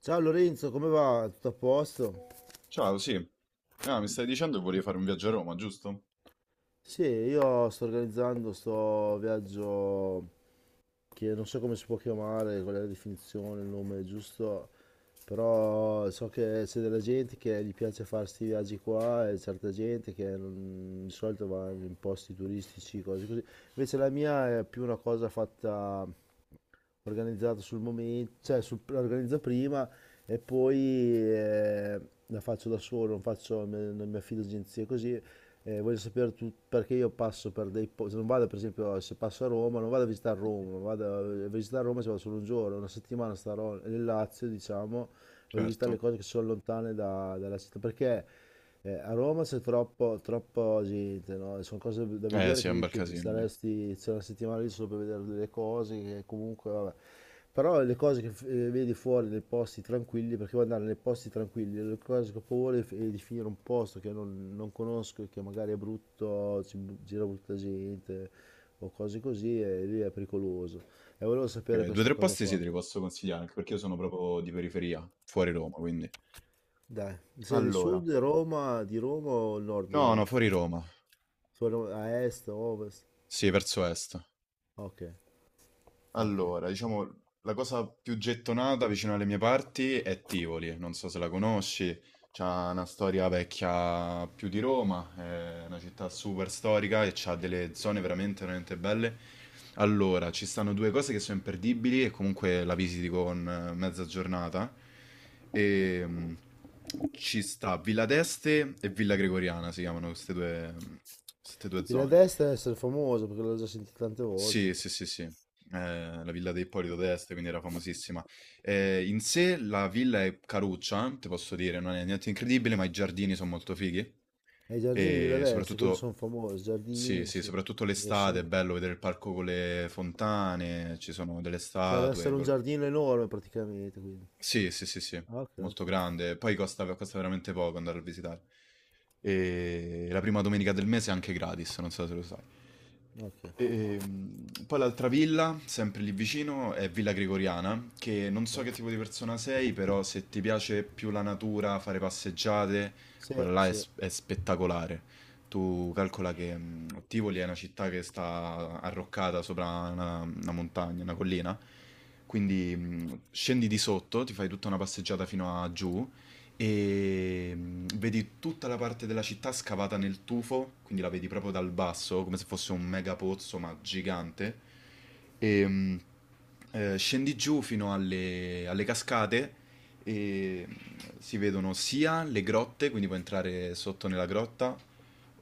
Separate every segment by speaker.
Speaker 1: Ciao Lorenzo, come va? Tutto a posto?
Speaker 2: Ciao, sì. Ah, mi stai dicendo che volevi fare un viaggio a Roma, giusto?
Speaker 1: Sì, io sto organizzando sto viaggio che non so come si può chiamare, qual è la definizione, il nome giusto, però so che c'è della gente che gli piace fare questi viaggi qua e certa gente che non- di solito va in posti turistici, cose così. Invece la mia è più una cosa fatta organizzato sul momento, cioè la organizzo prima e poi eh, la faccio da solo, non faccio, non mi affido a agenzie così. Voglio sapere perché io passo per dei posti, non vado per esempio se passo a Roma, non vado a visitare Roma, non vado a visitare Roma, ci vado solo un giorno, una settimana starò nel Lazio, diciamo, voglio visitare le
Speaker 2: Certo.
Speaker 1: cose che sono lontane dalla città, perché a Roma c'è troppo gente, no? Sono cose da
Speaker 2: Eh
Speaker 1: vedere
Speaker 2: sì, è un
Speaker 1: che
Speaker 2: bel
Speaker 1: ti
Speaker 2: casino lì.
Speaker 1: staresti, c'è una settimana lì solo per vedere delle cose che comunque, vabbè. Però le cose che vedi fuori nei posti tranquilli, perché vuoi andare nei posti tranquilli, le cose che ho paura è di finire in un posto che non, non conosco e che magari è brutto, gira brutta gente o cose così, e lì è pericoloso. E volevo sapere
Speaker 2: Due o
Speaker 1: questa
Speaker 2: tre
Speaker 1: cosa
Speaker 2: posti sì,
Speaker 1: qua.
Speaker 2: te li posso consigliare, anche perché io sono proprio di periferia, fuori Roma, quindi.
Speaker 1: Dai, sei del
Speaker 2: Allora.
Speaker 1: sud Roma, di Roma o il nord di
Speaker 2: No, no,
Speaker 1: Roma?
Speaker 2: fuori Roma.
Speaker 1: Sono a est, ovest?
Speaker 2: Sì, verso est.
Speaker 1: Ok, ok.
Speaker 2: Allora, diciamo, la cosa più gettonata vicino alle mie parti è Tivoli, non so se la conosci, c'ha una storia vecchia più di Roma, è una città super storica e c'ha delle zone veramente, veramente belle. Allora, ci stanno due cose che sono imperdibili e comunque la visiti con mezza giornata. E ci sta Villa d'Este e Villa Gregoriana, si chiamano queste due
Speaker 1: Villa
Speaker 2: zone.
Speaker 1: d'Este deve essere famosa perché l'ho già sentita tante
Speaker 2: Sì,
Speaker 1: volte.
Speaker 2: sì, sì, sì. La villa di Ippolito d'Este, quindi era famosissima. In sé la villa è caruccia, ti posso dire, non è niente incredibile, ma i giardini sono molto fighi.
Speaker 1: E i giardini di Villa
Speaker 2: E
Speaker 1: d'Este, quelli
Speaker 2: soprattutto,
Speaker 1: sono famosi.
Speaker 2: sì,
Speaker 1: Giardini,
Speaker 2: sì,
Speaker 1: sì.
Speaker 2: soprattutto
Speaker 1: Lo
Speaker 2: l'estate è
Speaker 1: se-
Speaker 2: bello vedere il parco con le fontane, ci sono delle
Speaker 1: Cioè, deve
Speaker 2: statue.
Speaker 1: essere un giardino enorme praticamente, quindi.
Speaker 2: Sì, sì, sì, sì,
Speaker 1: Ok,
Speaker 2: molto
Speaker 1: ok,
Speaker 2: grande. Poi costa veramente poco andare a visitare. E la prima domenica del mese è anche gratis, non so se lo sai.
Speaker 1: ok.
Speaker 2: E poi l'altra villa, sempre lì vicino, è Villa Gregoriana, che non so
Speaker 1: Eh?
Speaker 2: che tipo di persona sei, però se ti piace più la natura, fare passeggiate,
Speaker 1: Sì,
Speaker 2: quella là è,
Speaker 1: sì,
Speaker 2: s- è spettacolare. Tu calcola che Tivoli è una città che sta arroccata sopra una montagna, una collina, quindi scendi di sotto, ti fai tutta una passeggiata fino a giù e vedi tutta la parte della città scavata nel tufo, quindi la vedi proprio dal basso, come se fosse un mega pozzo, ma gigante. E scendi giù fino alle cascate e si vedono sia le grotte, quindi puoi entrare sotto nella grotta,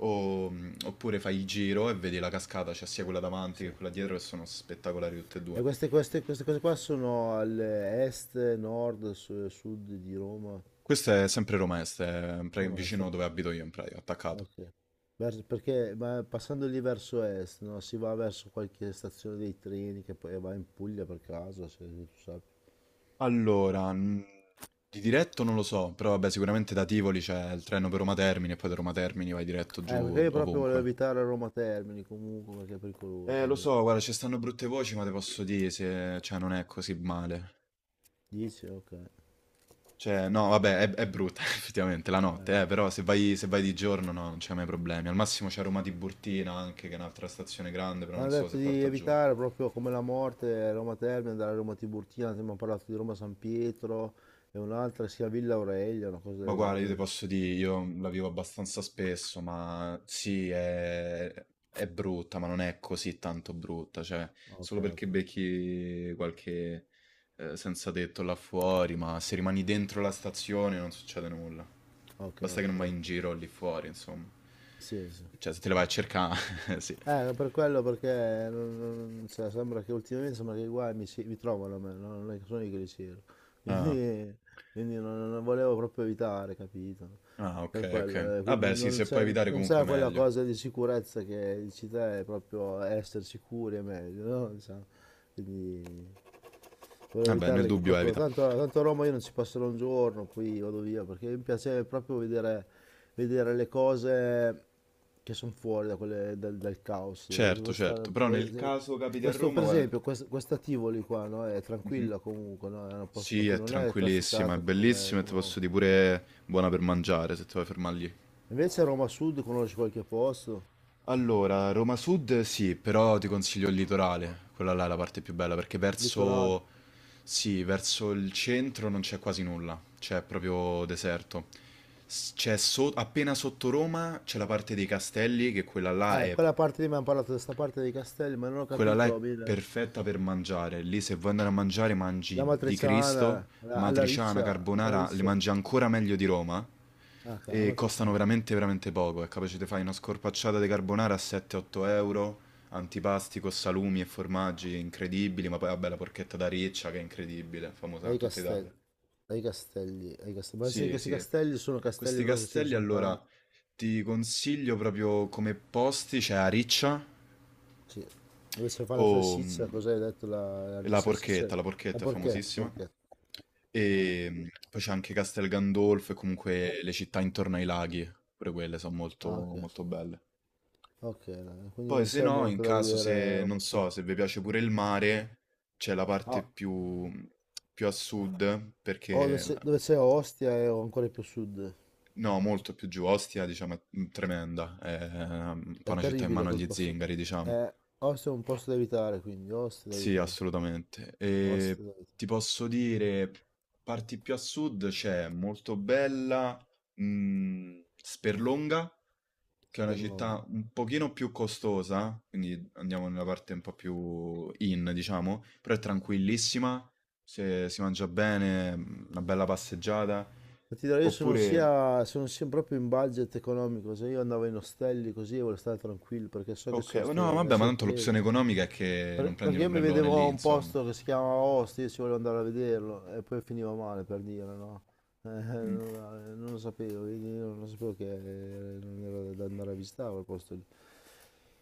Speaker 2: oppure fai il giro e vedi la cascata, c'è sia quella davanti
Speaker 1: sì.
Speaker 2: che quella dietro, che sono spettacolari tutte e
Speaker 1: E
Speaker 2: due.
Speaker 1: queste cose qua sono all'est, nord, sud di Roma.
Speaker 2: Questa è sempre Romest,
Speaker 1: Roma est,
Speaker 2: vicino
Speaker 1: ok.
Speaker 2: dove abito io in pratica, attaccato.
Speaker 1: Ok. Perché ma passando lì verso est, no? Si va verso qualche stazione dei treni che poi va in Puglia per caso, se tu sai.
Speaker 2: Allora, di diretto non lo so, però vabbè, sicuramente da Tivoli c'è il treno per Roma Termini e poi da Roma Termini vai diretto
Speaker 1: Perché
Speaker 2: giù
Speaker 1: io proprio volevo
Speaker 2: ovunque.
Speaker 1: evitare Roma Termini comunque perché è pericoloso.
Speaker 2: Lo
Speaker 1: Sì.
Speaker 2: so, guarda, ci stanno brutte voci, ma te posso dire se, cioè, non è così male.
Speaker 1: Dici? Ok.
Speaker 2: Cioè, no, vabbè, è brutta effettivamente la notte, però se vai di giorno no, non c'è mai problemi. Al massimo c'è Roma Tiburtina anche, che è un'altra stazione grande, però
Speaker 1: Mi
Speaker 2: non
Speaker 1: hanno
Speaker 2: so se
Speaker 1: detto di
Speaker 2: porta giù.
Speaker 1: evitare proprio come la morte Roma Termini, andare a Roma Tiburtina, abbiamo parlato di Roma San Pietro e un'altra che si chiama Villa Aurelia, una cosa
Speaker 2: Ma
Speaker 1: del
Speaker 2: guarda, io ti
Speaker 1: genere.
Speaker 2: posso dire, io la vivo abbastanza spesso, ma sì, è brutta, ma non è così tanto brutta, cioè,
Speaker 1: Ok,
Speaker 2: solo
Speaker 1: ok,
Speaker 2: perché becchi qualche senza tetto là fuori, ma se rimani dentro la stazione non succede nulla.
Speaker 1: ok,
Speaker 2: Basta che
Speaker 1: ok,
Speaker 2: non vai in
Speaker 1: ok.
Speaker 2: giro lì fuori, insomma.
Speaker 1: Sì, sì.
Speaker 2: Cioè, se te le vai a cercare, sì.
Speaker 1: Per quello perché cioè, sembra che i guai mi, mi trovano a me, no? Non è che sono io che li cerco.
Speaker 2: Ah,
Speaker 1: Quindi, quindi non volevo proprio evitare, capito?
Speaker 2: ah, ok,
Speaker 1: Per
Speaker 2: ok.
Speaker 1: quello, quindi
Speaker 2: Vabbè, sì, se puoi evitare
Speaker 1: non
Speaker 2: comunque
Speaker 1: c'è quella
Speaker 2: meglio.
Speaker 1: cosa di sicurezza che dici te, è proprio essere sicuri è meglio, no? Diciamo, quindi volevo
Speaker 2: Vabbè, nel
Speaker 1: evitarle
Speaker 2: dubbio
Speaker 1: proprio,
Speaker 2: evita.
Speaker 1: tanto a Roma io non ci passerò un giorno, poi vado via, perché mi piace proprio vedere, vedere le cose che sono fuori da dal caos.
Speaker 2: Certo,
Speaker 1: Devo stare,
Speaker 2: certo, però nel caso capiti a
Speaker 1: questo
Speaker 2: Roma,
Speaker 1: per
Speaker 2: guarda.
Speaker 1: esempio, questa Tivoli qua, no? È
Speaker 2: Mhm.
Speaker 1: tranquilla comunque, no? È un posto
Speaker 2: Sì, è
Speaker 1: tranquillo, non è
Speaker 2: tranquillissima, è
Speaker 1: trafficata
Speaker 2: bellissima e ti
Speaker 1: come
Speaker 2: posso
Speaker 1: Roma.
Speaker 2: dire pure buona per mangiare se ti vuoi fermare lì.
Speaker 1: Invece a Roma Sud conosci qualche posto,
Speaker 2: Allora, Roma Sud sì, però ti consiglio il litorale, quella là è la parte più bella perché
Speaker 1: litorale.
Speaker 2: verso, sì, verso il centro non c'è quasi nulla, c'è proprio deserto. C'è appena sotto Roma c'è la parte dei castelli, che quella là è
Speaker 1: Quella parte lì mi hanno parlato di questa parte dei castelli, ma non ho
Speaker 2: Quella là
Speaker 1: capito
Speaker 2: è
Speaker 1: bene.
Speaker 2: perfetta per mangiare. Lì se vuoi andare a mangiare
Speaker 1: La
Speaker 2: mangi di Cristo,
Speaker 1: matriciana, la, alla
Speaker 2: matriciana,
Speaker 1: alla
Speaker 2: carbonara, le
Speaker 1: riccia,
Speaker 2: mangi ancora meglio di Roma
Speaker 1: ah, la
Speaker 2: e costano
Speaker 1: matriciana,
Speaker 2: veramente veramente poco. È capace di fare una scorpacciata di carbonara a 7-8 euro, antipasti con salumi e formaggi incredibili, ma poi vabbè la porchetta da riccia che è incredibile, famosa in
Speaker 1: dai
Speaker 2: tutta Italia.
Speaker 1: castelli, dai castelli. Ma sì,
Speaker 2: Sì,
Speaker 1: questi
Speaker 2: sì.
Speaker 1: castelli sono castelli
Speaker 2: Questi
Speaker 1: proprio che ce ne
Speaker 2: castelli
Speaker 1: sono
Speaker 2: allora
Speaker 1: tanti.
Speaker 2: ti consiglio proprio come posti, c'è Ariccia,
Speaker 1: Sì, dove si fa la
Speaker 2: o
Speaker 1: salsiccia,
Speaker 2: mh,
Speaker 1: cos'hai detto? La salsiccia?
Speaker 2: la
Speaker 1: La
Speaker 2: porchetta è
Speaker 1: porchetta,
Speaker 2: famosissima.
Speaker 1: porchetta. Eh,
Speaker 2: E poi c'è anche Castel Gandolfo e comunque le città intorno ai laghi, pure quelle sono molto,
Speaker 1: Ah, ok,
Speaker 2: molto belle.
Speaker 1: ok, dai, quindi
Speaker 2: Poi
Speaker 1: non
Speaker 2: se
Speaker 1: c'è
Speaker 2: no, in
Speaker 1: molto da
Speaker 2: caso
Speaker 1: vedere a
Speaker 2: se,
Speaker 1: Roma
Speaker 2: non
Speaker 1: Sud.
Speaker 2: so, se vi piace pure il mare, c'è la parte
Speaker 1: Ah,
Speaker 2: più, più a sud,
Speaker 1: oh,
Speaker 2: perché,
Speaker 1: dove c'è Ostia è ancora più a sud.
Speaker 2: no, molto più giù, Ostia, diciamo, è tremenda, è un po'
Speaker 1: È
Speaker 2: una città in
Speaker 1: terribile
Speaker 2: mano
Speaker 1: quel
Speaker 2: agli
Speaker 1: posto.
Speaker 2: zingari, diciamo.
Speaker 1: Ostia è un posto da evitare, quindi Ostia da
Speaker 2: Sì,
Speaker 1: evitare. Sì.
Speaker 2: assolutamente.
Speaker 1: Ostia
Speaker 2: E
Speaker 1: da
Speaker 2: ti
Speaker 1: evitare.
Speaker 2: posso dire, parti più a sud c'è Moltobella, Sperlonga, che è una
Speaker 1: Spero non.
Speaker 2: città un pochino più costosa, quindi andiamo nella parte un po' più in, diciamo, però è tranquillissima, se si mangia bene, una bella passeggiata.
Speaker 1: Ma ti dirò, io
Speaker 2: Oppure,
Speaker 1: sono sia proprio in budget economico, se io andavo in ostelli così e volevo stare tranquillo perché so che ci
Speaker 2: ok,
Speaker 1: sono
Speaker 2: no,
Speaker 1: queste
Speaker 2: vabbè, ma tanto
Speaker 1: sorprese.
Speaker 2: l'opzione economica è che non prendi
Speaker 1: Perché io mi
Speaker 2: l'ombrellone
Speaker 1: vedevo a
Speaker 2: lì,
Speaker 1: un
Speaker 2: insomma.
Speaker 1: posto che si chiamava Ostia, io ci volevo andare a vederlo e poi finiva male per dire, no?
Speaker 2: Mm.
Speaker 1: Non lo sapevo, quindi io non sapevo che non era da andare a visitare quel posto lì.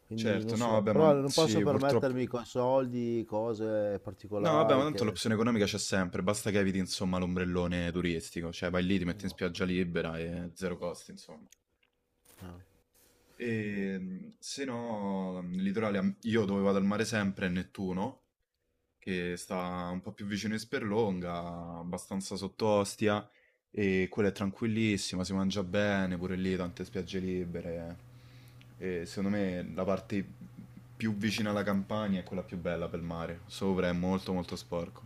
Speaker 1: Quindi
Speaker 2: Certo,
Speaker 1: non
Speaker 2: no,
Speaker 1: so,
Speaker 2: vabbè,
Speaker 1: però
Speaker 2: ma
Speaker 1: non posso
Speaker 2: sì, purtroppo.
Speaker 1: permettermi con soldi, cose
Speaker 2: No, vabbè, ma
Speaker 1: particolari
Speaker 2: tanto
Speaker 1: che...
Speaker 2: l'opzione economica c'è sempre, basta che eviti, insomma, l'ombrellone turistico, cioè vai lì, ti metti in
Speaker 1: no,
Speaker 2: spiaggia libera e zero costi, insomma.
Speaker 1: no,
Speaker 2: E
Speaker 1: niente.
Speaker 2: mh, se no, il litorale, io dove vado al mare sempre è Nettuno, che sta un po' più vicino in Sperlonga, abbastanza sotto Ostia, e quella è tranquillissima, si mangia bene, pure lì tante spiagge libere. E secondo me la parte più vicina alla campagna è quella più bella per il mare, sopra è molto molto sporco.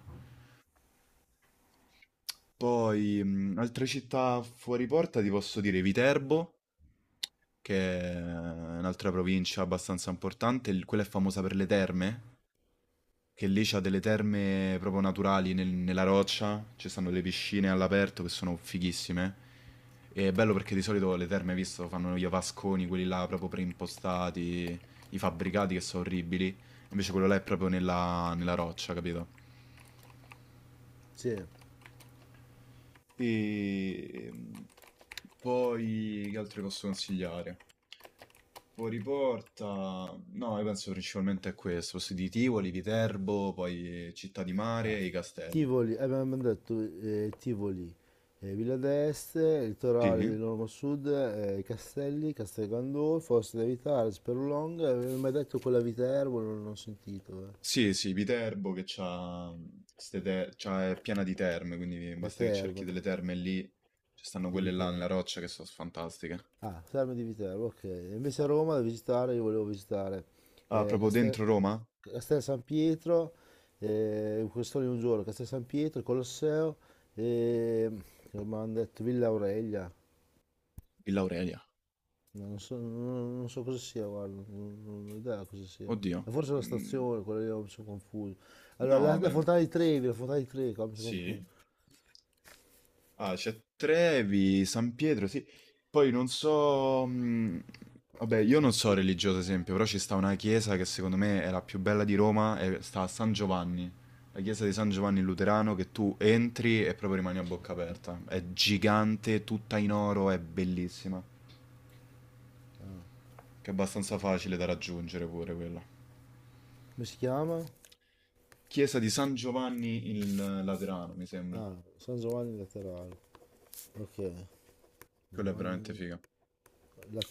Speaker 2: Poi, altre città fuori porta, ti posso dire Viterbo, che è un'altra provincia abbastanza importante, quella è famosa per le terme, che lì c'ha delle terme proprio naturali nella roccia, ci stanno le piscine all'aperto che sono fighissime. E è bello perché di solito le terme, hai visto, fanno gli avasconi, quelli là proprio preimpostati, i fabbricati che sono orribili, invece quello là è proprio nella roccia, capito?
Speaker 1: Sì.
Speaker 2: E poi che altro posso consigliare? Poi riporta, no, io penso principalmente a questo, posti di Tivoli, Viterbo, poi Città di Mare
Speaker 1: Ah,
Speaker 2: e i castelli.
Speaker 1: Abbiamo detto Tivoli, Villa d'Este, litorale
Speaker 2: Sì?
Speaker 1: dell'Ormo Sud, Castelli, Castel Gandolfo, Oste da Vitale, Sperlonga, avevo mai detto quella Viterbo, non ho sentito, eh.
Speaker 2: Sì, sì, Viterbo che c'ha, ste te- c'ha- è piena di terme, quindi
Speaker 1: Le
Speaker 2: basta che cerchi
Speaker 1: terme
Speaker 2: delle terme lì, ci stanno
Speaker 1: di
Speaker 2: quelle là nella
Speaker 1: Viterbo.
Speaker 2: roccia che sono fantastiche.
Speaker 1: Ah, Terme di Viterbo, ok. E invece a Roma da visitare, io volevo visitare
Speaker 2: Ah,
Speaker 1: eh,
Speaker 2: proprio
Speaker 1: Castel,
Speaker 2: dentro Roma?
Speaker 1: Castel San Pietro, questo lì un giorno, Castel San Pietro, Colosseo e come hanno detto Villa Aurelia.
Speaker 2: Villa Aurelia.
Speaker 1: No, non so, non so cosa sia, guarda, non ho idea cosa sia.
Speaker 2: Oddio.
Speaker 1: E forse la
Speaker 2: Mm,
Speaker 1: stazione, quella lì mi sono confuso. Allora,
Speaker 2: no,
Speaker 1: la
Speaker 2: vabbè,
Speaker 1: Fontana di Trevi, la Fontana di Trevi, qua mi sono confuso.
Speaker 2: sì. Ah, c'è Trevi, San Pietro, sì. Poi non so. Vabbè, io non
Speaker 1: San
Speaker 2: so
Speaker 1: Pietro.
Speaker 2: religioso esempio, però ci sta una chiesa che secondo me è la più bella di Roma e sta a San Giovanni. La chiesa di San Giovanni Luterano che tu entri e proprio rimani a bocca aperta. È gigante, tutta in oro, è bellissima. Che è abbastanza facile da raggiungere pure quella.
Speaker 1: Come si chiama?
Speaker 2: Chiesa di San Giovanni il Laterano, mi sembra.
Speaker 1: Ah, San Giovanni Laterano. Ok,
Speaker 2: Quella è veramente
Speaker 1: Giovanni
Speaker 2: figa.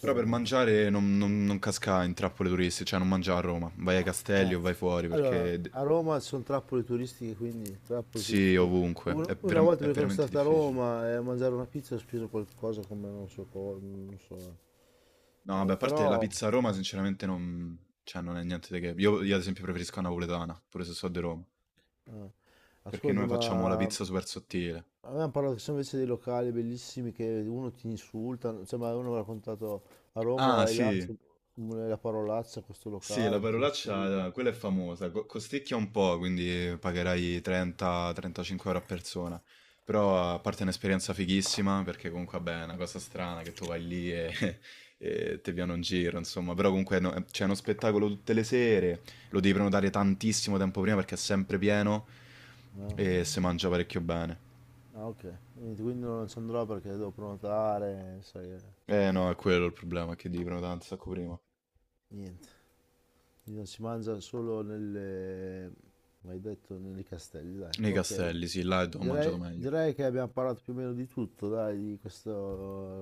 Speaker 2: Però per mangiare non casca in trappole turistiche, cioè non mangia a Roma, vai ai castelli
Speaker 1: Eh,
Speaker 2: o vai fuori
Speaker 1: Allora,
Speaker 2: perché
Speaker 1: a Roma sono trappole turistiche, quindi trappole
Speaker 2: sì,
Speaker 1: turistiche.
Speaker 2: ovunque,
Speaker 1: Una volta
Speaker 2: è
Speaker 1: perché sono
Speaker 2: veramente
Speaker 1: stato a
Speaker 2: difficile.
Speaker 1: Roma e a mangiare una pizza ho speso qualcosa come non so cosa, non so.
Speaker 2: No, vabbè, a parte la
Speaker 1: Però,
Speaker 2: pizza a Roma sinceramente non, cioè, non è niente di che. Io, ad esempio, preferisco la napoletana, pure se so di Roma,
Speaker 1: eh,
Speaker 2: perché
Speaker 1: ascolta,
Speaker 2: noi facciamo la
Speaker 1: ma
Speaker 2: pizza super sottile.
Speaker 1: avevamo parlato che sono invece dei locali bellissimi che uno ti insulta, cioè, ma uno mi ha raccontato a Roma
Speaker 2: Ah
Speaker 1: vai là,
Speaker 2: sì.
Speaker 1: c'è la parolaccia a questo
Speaker 2: Sì, la
Speaker 1: locale che ti insulta.
Speaker 2: parolaccia, quella è famosa, costicchia un po', quindi pagherai 30-35 euro a persona, però a parte un'esperienza fighissima, perché comunque vabbè, è una cosa strana che tu vai lì e, e ti viene un giro, insomma, però comunque c'è uno spettacolo tutte le sere, lo devi prenotare tantissimo tempo prima perché è sempre pieno
Speaker 1: Eh.
Speaker 2: e si mangia parecchio bene.
Speaker 1: Ah, ok. Niente, quindi non ci andrò perché devo prenotare, sai,
Speaker 2: Eh no, è quello il problema, che devi prenotare un sacco prima.
Speaker 1: niente. Quindi non si mangia solo nelle, come hai detto, nei castelli, dai.
Speaker 2: Nei
Speaker 1: Ok.
Speaker 2: castelli, sì, là è dove ho mangiato meglio.
Speaker 1: Direi che abbiamo parlato più o meno di tutto, dai, di questo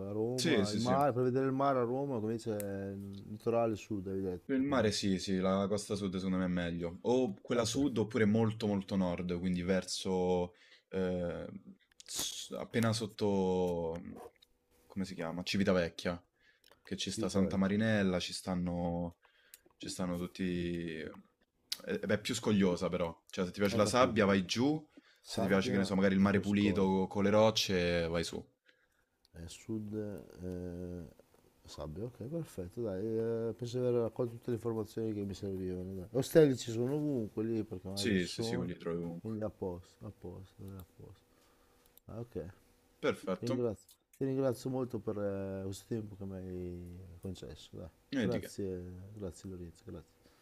Speaker 2: Sì,
Speaker 1: Roma, il
Speaker 2: sì, sì.
Speaker 1: mare, per vedere il mare a Roma, come dice, il litorale sud, hai
Speaker 2: Il
Speaker 1: detto,
Speaker 2: mare
Speaker 1: quindi.
Speaker 2: sì, sì, la costa sud secondo me è meglio. O quella
Speaker 1: Ok,
Speaker 2: sud oppure molto molto nord, quindi verso eh, appena sotto, come si chiama? Civitavecchia, che ci sta Santa
Speaker 1: Civitavecchia.
Speaker 2: Marinella, ci stanno tutti. eh, Beh, è più scogliosa però, cioè se ti piace
Speaker 1: Ho
Speaker 2: la sabbia
Speaker 1: capito.
Speaker 2: vai giù, se ti piace che ne
Speaker 1: Sabbia
Speaker 2: so, magari il
Speaker 1: e
Speaker 2: mare
Speaker 1: Coscoglio.
Speaker 2: pulito con le rocce vai su.
Speaker 1: Sud, eh, sabbia, ok, perfetto, dai, penso di aver raccolto tutte le informazioni che mi servivano. Dai. Ostelli ci sono ovunque lì, perché magari
Speaker 2: Sì,
Speaker 1: ci
Speaker 2: sì, sì,
Speaker 1: sono,
Speaker 2: quelli li trovi ovunque.
Speaker 1: quindi a posto, dai, a posto. Ah, ok, ti
Speaker 2: Perfetto,
Speaker 1: ringrazio, ti ringrazio molto per questo tempo che mi hai concesso, dai.
Speaker 2: e di che.
Speaker 1: Grazie, grazie Lorenzo, grazie.